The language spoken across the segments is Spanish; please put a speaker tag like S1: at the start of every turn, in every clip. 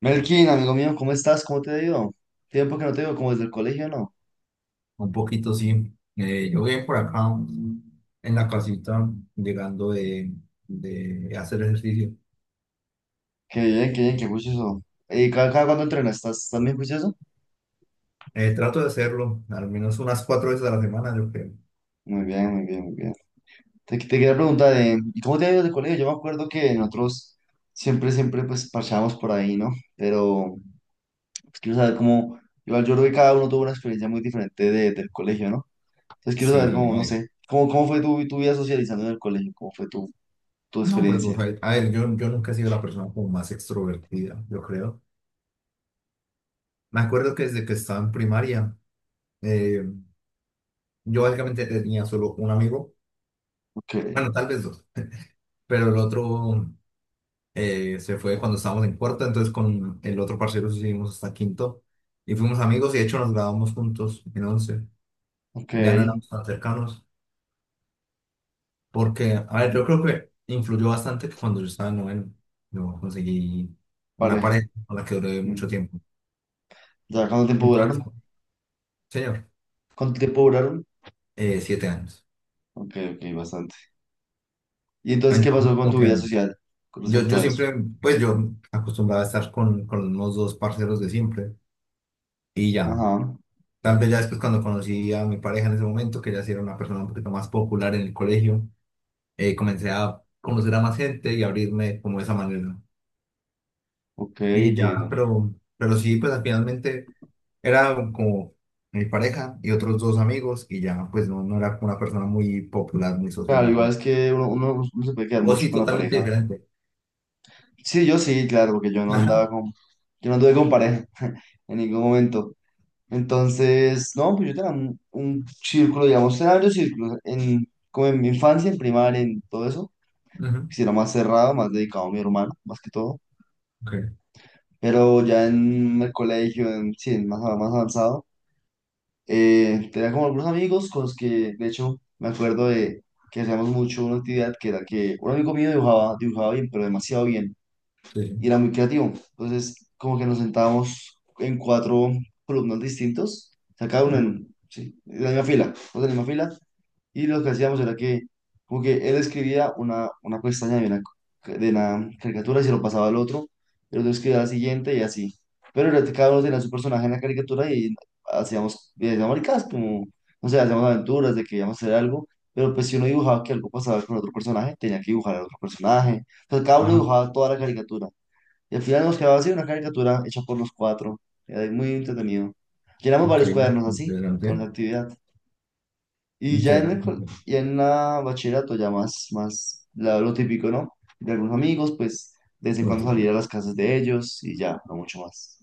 S1: Melkin, amigo mío, ¿cómo estás? ¿Cómo te ha ido? Tiempo que no te veo, como desde el colegio, ¿no?
S2: Un poquito, sí. Yo bien por acá en la casita, llegando de hacer ejercicio.
S1: Qué bien, qué bien, qué juicioso. ¿Y cada cuándo entrenas? ¿Estás también juicioso?
S2: Trato de hacerlo al menos unas 4 veces a la semana, yo creo.
S1: Muy bien, muy bien, muy bien. Te quería preguntar, ¿y cómo te ha ido desde el colegio? Yo me acuerdo que nosotros siempre, pues, parchábamos por ahí, ¿no? Pero pues, quiero saber cómo, igual yo creo que cada uno tuvo una experiencia muy diferente del colegio, ¿no? Entonces quiero
S2: Sí,
S1: saber
S2: sí,
S1: cómo,
S2: a
S1: no
S2: ver.
S1: sé, cómo fue tu vida socializando en el colegio, cómo fue tu, tu
S2: No, pues, o
S1: experiencia.
S2: sea, a ver, yo nunca he sido la persona como más extrovertida, yo creo. Me acuerdo que desde que estaba en primaria, eh, yo básicamente tenía solo un amigo,
S1: Ok,
S2: bueno, tal vez dos, pero el otro. Se fue cuando estábamos en cuarta, entonces con el otro parcero sí seguimos hasta quinto y fuimos amigos y de hecho nos grabamos juntos en once,
S1: ok,
S2: ya no éramos tan cercanos, porque, a ver, yo creo que influyó bastante que cuando yo estaba en noveno, yo conseguí una
S1: pareja.
S2: pareja con la que duré mucho
S1: Mm.
S2: tiempo.
S1: ¿Ya cuánto tiempo
S2: Entonces,
S1: duraron?
S2: señor,
S1: ¿Cuánto tiempo duraron?
S2: 7 años.
S1: Ok, ok, bastante. ¿Y entonces qué pasó
S2: Entonces,
S1: con
S2: como
S1: tu vida
S2: que
S1: social con
S2: yo,
S1: respecto
S2: yo
S1: a eso?
S2: siempre, pues yo acostumbraba a estar con los mismos dos parceros de siempre y ya.
S1: Ajá,
S2: Tal vez ya después cuando conocí a mi pareja en ese momento, que ya sí era una persona un poquito más popular en el colegio, comencé a conocer a más gente y abrirme como de esa manera.
S1: ok,
S2: Y ya,
S1: entiendo.
S2: pero sí, pues finalmente era como mi pareja y otros dos amigos y ya, pues no, no era una persona muy popular, muy
S1: Claro,
S2: social.
S1: igual es que uno se puede quedar
S2: Vos
S1: mucho
S2: sí,
S1: con la
S2: totalmente
S1: pareja.
S2: diferente.
S1: Sí, yo sí, claro, porque yo no
S2: Ajá,
S1: andaba con, yo no anduve con pareja en ningún momento. Entonces, no, pues yo tenía un círculo, digamos, tenía varios círculos, en, como en mi infancia, en primaria, en todo eso,
S2: ajá,
S1: si era más cerrado, más dedicado a mi hermano, más que todo.
S2: ok,
S1: Pero ya en el colegio, en, sí, en más, más avanzado. Tenía como algunos amigos con los que, de hecho, me acuerdo de que hacíamos mucho una actividad que era que un amigo mío dibujaba bien, pero demasiado bien,
S2: sí,
S1: y
S2: sí.
S1: era muy creativo. Entonces, como que nos sentábamos en cuatro columnas distintos, o sea, cada uno
S2: Ujú.
S1: en, sí, en la misma fila, todos en la misma fila, y lo que hacíamos era que, como que él escribía una pestaña de de una caricatura y se lo pasaba al otro, y el otro escribía la siguiente y así. Cada uno tenía su personaje en la caricatura y hacíamos maricadas, como, no sé, hacíamos aventuras de que íbamos a hacer algo, pero pues si uno dibujaba que algo pasaba con otro personaje, tenía que dibujar al otro personaje. Entonces cada uno
S2: Ajá,
S1: dibujaba toda la caricatura. Y al final nos quedaba así una caricatura hecha por los cuatro. Era muy entretenido. Llenamos
S2: ok,
S1: varios cuadernos así, con
S2: interesante,
S1: la actividad. Y ya en el, col-
S2: interesante.
S1: y en la bachillerato ya más lo típico, ¿no? De algunos amigos, pues de vez en cuando salir a
S2: Interesante.
S1: las casas de ellos y ya, no mucho más.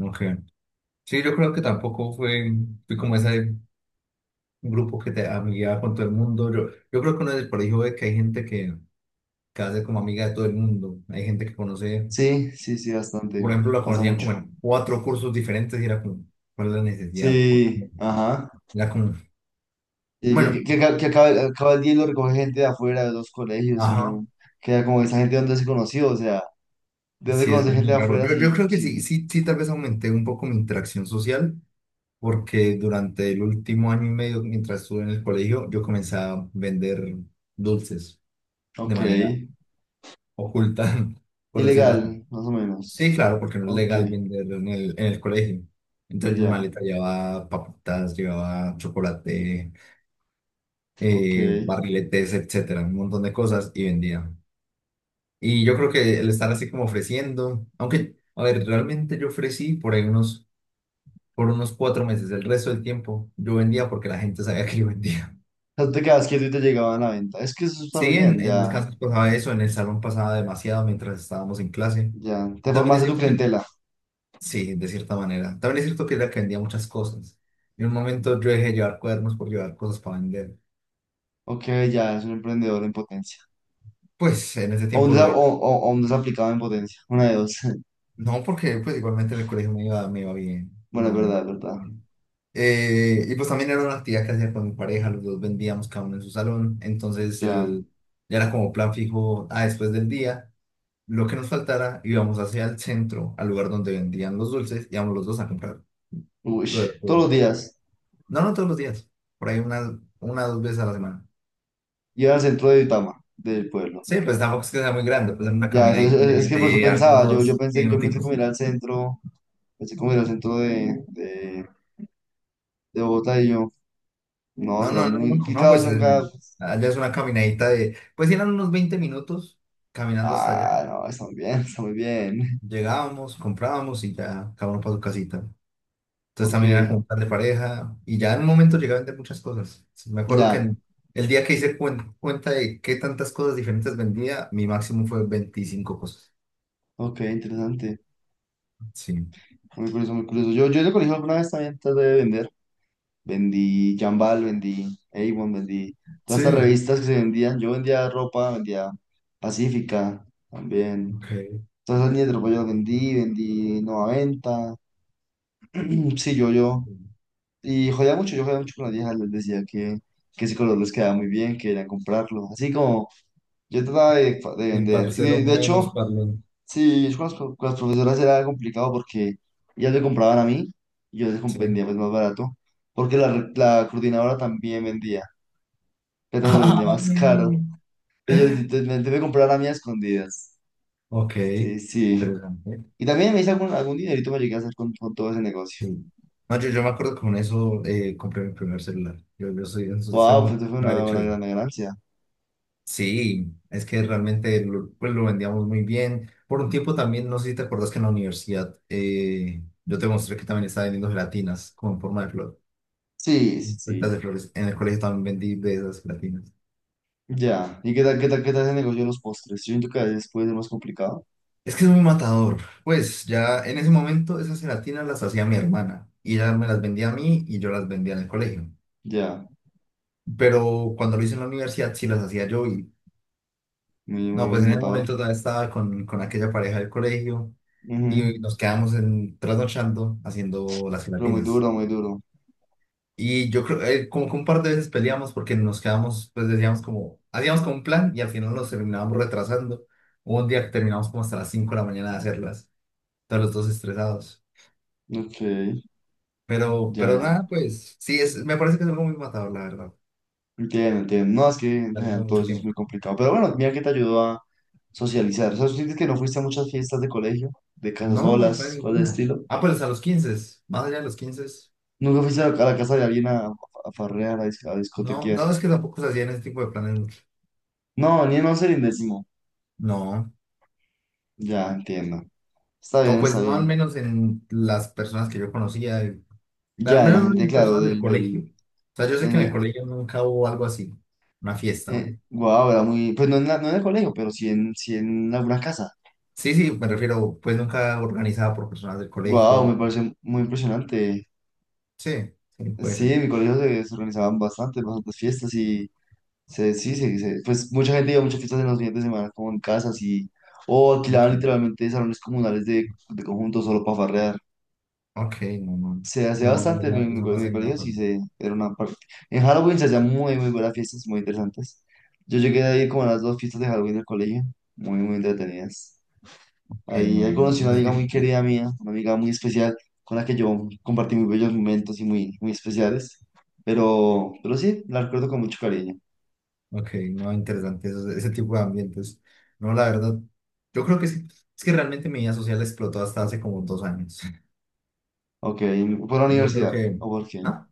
S2: Ok, sí, yo creo que tampoco fui como esa grupos que te amigueaba con todo el mundo. Yo creo que uno en el colegio ve que hay gente que hace como amiga de todo el mundo. Hay gente que conoce,
S1: Sí, sí, sí, bastante.
S2: por ejemplo, la
S1: Pasa
S2: conocían
S1: mucho.
S2: como en cuatro cursos diferentes y era como, ¿cuál es la necesidad? ¿Por- qué?
S1: Sí, ajá.
S2: Era como,
S1: Y
S2: bueno,
S1: que acaba, acaba el día y lo recoge gente de afuera de los colegios y
S2: ajá,
S1: uno queda como esa gente de donde se conoció, o sea, de dónde
S2: sí, es
S1: conoce gente
S2: muy
S1: de
S2: raro.
S1: afuera,
S2: Yo
S1: sí,
S2: creo que sí,
S1: sí.
S2: sí, sí, tal vez aumenté un poco mi interacción social. Porque durante el último año y medio, mientras estuve en el colegio, yo comencé a vender dulces de
S1: Ok.
S2: manera oculta, por decirlo así.
S1: Ilegal, más o
S2: Sí,
S1: menos.
S2: claro, porque no es
S1: Ok,
S2: legal venderlo en el colegio. Entonces mi
S1: ya,
S2: maleta llevaba papitas, llevaba chocolate,
S1: ok.
S2: barriletes, etcétera, un montón de cosas y vendía. Y yo creo que el estar así como ofreciendo, aunque, a ver, realmente yo ofrecí por ahí por unos 4 meses, el resto del tiempo yo vendía porque la gente sabía que yo vendía.
S1: Sea, tú te quedabas quieto y te llegaban a la venta. Es que eso está muy
S2: Sí,
S1: bien,
S2: en
S1: ya,
S2: descansos pasaba eso, en el salón pasaba demasiado mientras estábamos en clase.
S1: ya. Te
S2: También es
S1: formaste tu
S2: cierto que
S1: clientela.
S2: sí, de cierta manera. También es cierto que era que vendía muchas cosas. En un momento yo dejé de llevar cuadernos por llevar cosas para vender.
S1: Ok, ya, es un emprendedor en potencia.
S2: Pues en ese
S1: O un,
S2: tiempo lo
S1: desa-
S2: era.
S1: o un desaplicado en potencia. Una de dos.
S2: No, porque pues igualmente en el colegio me iba bien.
S1: Bueno, es
S2: No,
S1: verdad, es verdad.
S2: Y pues también era una actividad que hacía con mi pareja, los dos vendíamos cada uno en su salón. Entonces
S1: Ya.
S2: ya era como plan fijo, ah, después del día, lo que nos faltara, íbamos hacia el centro, al lugar donde vendían los dulces, íbamos los dos a comprar
S1: Uy,
S2: lo de la
S1: todos
S2: escuela.
S1: los días.
S2: No, no todos los días, por ahí una o dos veces a la semana.
S1: Iba al centro de Duitama, del pueblo.
S2: Sí, pues tampoco es que sea muy grande, pues en una
S1: Ya,
S2: caminadita le
S1: es que por eso
S2: metí
S1: pensaba. Yo
S2: algunos
S1: pensé, yo pensé
S2: minuticos.
S1: como ir al centro. Pensé como ir al centro de Bogotá y yo. No,
S2: No,
S1: será
S2: no, no,
S1: muy.
S2: no,
S1: Y
S2: no,
S1: claro,
S2: pues
S1: son cada-
S2: allá es una caminadita de, pues eran unos 20 minutos caminando hasta allá.
S1: Ah, no, está muy bien, está muy bien.
S2: Llegábamos, comprábamos y ya cada uno para su casita. Entonces
S1: Ok,
S2: también era como un plan de pareja y ya en un momento llegué a vender muchas cosas. Sí, me acuerdo que
S1: ya.
S2: el día que hice cuenta de qué tantas cosas diferentes vendía, mi máximo fue 25 cosas.
S1: Ok, interesante.
S2: Sí.
S1: Muy curioso, muy curioso. Yo en el colegio alguna vez también traté de vender. Vendí Jambal, vendí Avon, vendí todas estas
S2: Sí,
S1: revistas que se vendían. Yo vendía ropa, vendía Pacífica también.
S2: ok.
S1: Todas esas líneas de ropa yo las vendí, vendí Nueva Venta. Sí, yo. Y jodía mucho, yo jodía mucho con las viejas. Les decía que ese color les quedaba muy bien, que querían comprarlo. Así como yo trataba de
S2: El
S1: vender. Y
S2: parcero
S1: de hecho...
S2: menos parlón.
S1: Sí, yo con con las profesoras era complicado porque ellas me compraban a mí y yo
S2: Sí.
S1: vendía pues más barato, porque la coordinadora también vendía, pero le vendía más
S2: Ay.
S1: caro. Entonces me debe comprar a mí a escondidas.
S2: Ok,
S1: Sí, sí.
S2: interesante.
S1: Y también me hice algún dinerito me llegué a hacer con todo ese negocio.
S2: Sí. No, yo me acuerdo que con eso compré mi primer celular. Yo, yo soy
S1: Wow,
S2: muy
S1: pues eso fue
S2: de haber hecho
S1: una
S2: eso.
S1: gran ganancia.
S2: Sí, es que realmente pues lo vendíamos muy bien. Por un tiempo también, no sé si te acuerdas que en la universidad yo te mostré que también estaba vendiendo gelatinas como en forma de flor,
S1: Sí, sí,
S2: pétalas
S1: sí.
S2: de flores. En el colegio también vendí de esas gelatinas.
S1: Ya. ¿Y qué tal ese negocio de los postres? Yo siento que a veces puede ser más complicado.
S2: Es que es muy matador. Pues ya en ese momento esas gelatinas las hacía mi hermana y ella me las vendía a mí y yo las vendía en el colegio,
S1: Ya.
S2: pero cuando lo hice en la universidad sí las hacía yo y no,
S1: Muy
S2: pues en ese
S1: matador.
S2: momento todavía estaba con aquella pareja del colegio
S1: Ujú.
S2: y nos quedamos trasnochando haciendo las
S1: Pero muy
S2: gelatinas.
S1: duro, muy duro.
S2: Y yo creo, como que un par de veces peleamos porque nos quedamos, pues decíamos como, hacíamos como un plan y al final nos terminábamos retrasando. Hubo un día que terminamos como hasta las 5:00 de la mañana de hacerlas, todos los dos estresados.
S1: Ok, ya,
S2: Pero
S1: ya.
S2: nada, pues sí, me parece que es algo muy matador, la verdad.
S1: Entiendo, entiendo. No, es que en
S2: Algo de
S1: general todo
S2: mucho
S1: eso es
S2: tiempo.
S1: muy complicado. Pero bueno, mira que te ayudó a socializar. O sea, ¿tú sientes que no fuiste a muchas fiestas de colegio, de casas
S2: No, no fue
S1: solas, cosas de
S2: ninguna.
S1: estilo?
S2: Ah, pues a los 15, más allá de los 15.
S1: ¿Nunca fuiste a la casa de alguien a farrear, a, a
S2: No,
S1: discotequear?
S2: no es que tampoco se hacían ese tipo de planes mucho.
S1: No, ni en once ni en décimo.
S2: No,
S1: Ya, entiendo. Está
S2: o
S1: bien,
S2: pues
S1: está
S2: no al
S1: bien.
S2: menos en las personas que yo conocía, al
S1: Ya, en la
S2: menos no en
S1: gente,
S2: las
S1: claro,
S2: personas del colegio. O sea, yo sé que
S1: en
S2: en el
S1: el-
S2: colegio nunca hubo algo así, una fiesta, ¿no?
S1: guau, era muy, pues no en, no en el colegio, pero sí en, sí en alguna casa.
S2: Sí, sí, me refiero, pues nunca organizada por personas del
S1: Guau, me
S2: colegio.
S1: parece muy impresionante.
S2: Sí, sí, puede
S1: Sí,
S2: ser.
S1: en mi colegio se organizaban bastantes, bastantes fiestas. Se, sí, se- Pues mucha gente iba a muchas fiestas en los fines de semana, como en casas y, o alquilaban
S2: Ok,
S1: literalmente salones comunales de conjuntos solo para farrear.
S2: ok, no, no.
S1: Se hacía
S2: No, no, o
S1: bastante en
S2: sea,
S1: mi,
S2: esa
S1: mi
S2: fase no la
S1: colegio, sí,
S2: pasé.
S1: se, era una parte. En Halloween se hacían muy, muy buenas fiestas, muy interesantes. Yo llegué a ir como a las dos fiestas de Halloween del colegio, muy, muy entretenidas.
S2: Ok, no,
S1: Ahí
S2: no,
S1: conocí
S2: no,
S1: una
S2: es
S1: amiga muy
S2: difícil.
S1: querida mía, una amiga muy especial, con la que yo compartí muy bellos momentos y muy, muy especiales. Pero sí, la recuerdo con mucho cariño.
S2: Ok, no, interesante eso- ese tipo de ambientes. No, la verdad, yo creo que sí. Es que realmente mi vida social explotó hasta hace como 2 años.
S1: Ok, ¿por la
S2: Yo creo
S1: universidad?
S2: que,
S1: ¿O por qué?
S2: ah,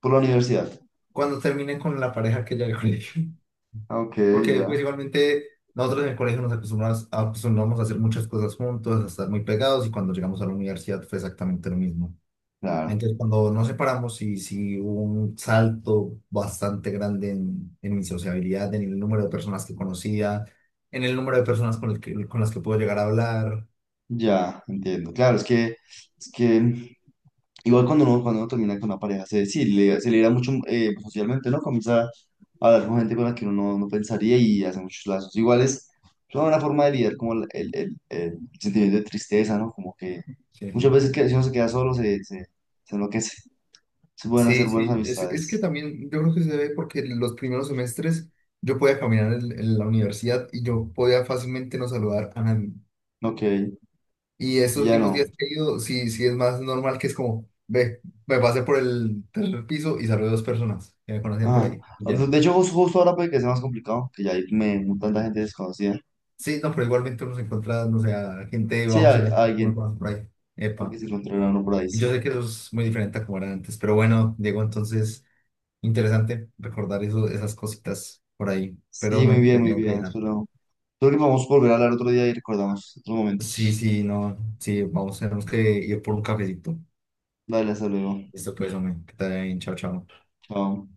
S1: Por la universidad.
S2: cuando terminé con la pareja que ya del colegio.
S1: Ah, ok,
S2: Porque pues
S1: ya.
S2: igualmente nosotros en el colegio nos acostumbramos, acostumbramos a hacer muchas cosas juntos, a estar muy pegados y cuando llegamos a la universidad fue exactamente lo mismo.
S1: Claro,
S2: Entonces, cuando nos separamos, sí, sí hubo un salto bastante grande en mi sociabilidad, en el número de personas que conocía, en el número de personas con las que puedo llegar a hablar.
S1: ya, entiendo. Claro, es que igual cuando uno termina con una pareja, se, sí, se libera mucho socialmente, ¿no? Comienza a hablar con gente con la que uno no, no pensaría y hace muchos lazos. Igual es una forma de lidiar como el sentimiento de tristeza, ¿no? Como que
S2: Sí,
S1: muchas veces que si uno se queda solo, se enloquece. Se pueden hacer
S2: sí,
S1: buenas
S2: sí, es que
S1: amistades.
S2: también yo creo que se debe porque en los primeros semestres yo podía caminar en la universidad y yo podía fácilmente no saludar a nadie.
S1: Ok,
S2: Y
S1: y
S2: estos
S1: ya
S2: últimos
S1: no.
S2: días que he ido, sí, sí es más normal que es como, ve, me pasé por el tercer piso y saludé a dos personas que me conocían por
S1: Ajá.
S2: ahí.
S1: De hecho, justo justo ahora puede que sea más complicado, que ya hay me, tanta gente desconocida.
S2: Sí, no, pero igualmente uno se encuentra, no sé, a gente de
S1: Sí,
S2: bajo
S1: a
S2: cemento, uno
S1: alguien,
S2: conoce por ahí.
S1: al que
S2: Epa.
S1: se encontrará uno por ahí,
S2: Y yo
S1: sí.
S2: sé que eso es muy diferente a como era antes, pero bueno, Diego, entonces, interesante recordar eso, esas cositas por ahí, pero
S1: Sí,
S2: me
S1: muy bien, muy
S2: tengo que
S1: bien.
S2: dejar.
S1: Espero, espero que podamos volver a hablar otro día y recordamos otros
S2: Sí,
S1: momentos.
S2: sí, no, sí, vamos, tenemos que ir por un cafecito.
S1: Dale, hasta luego.
S2: Listo, pues, hombre, que te vaya bien, chao, chao.
S1: Chao.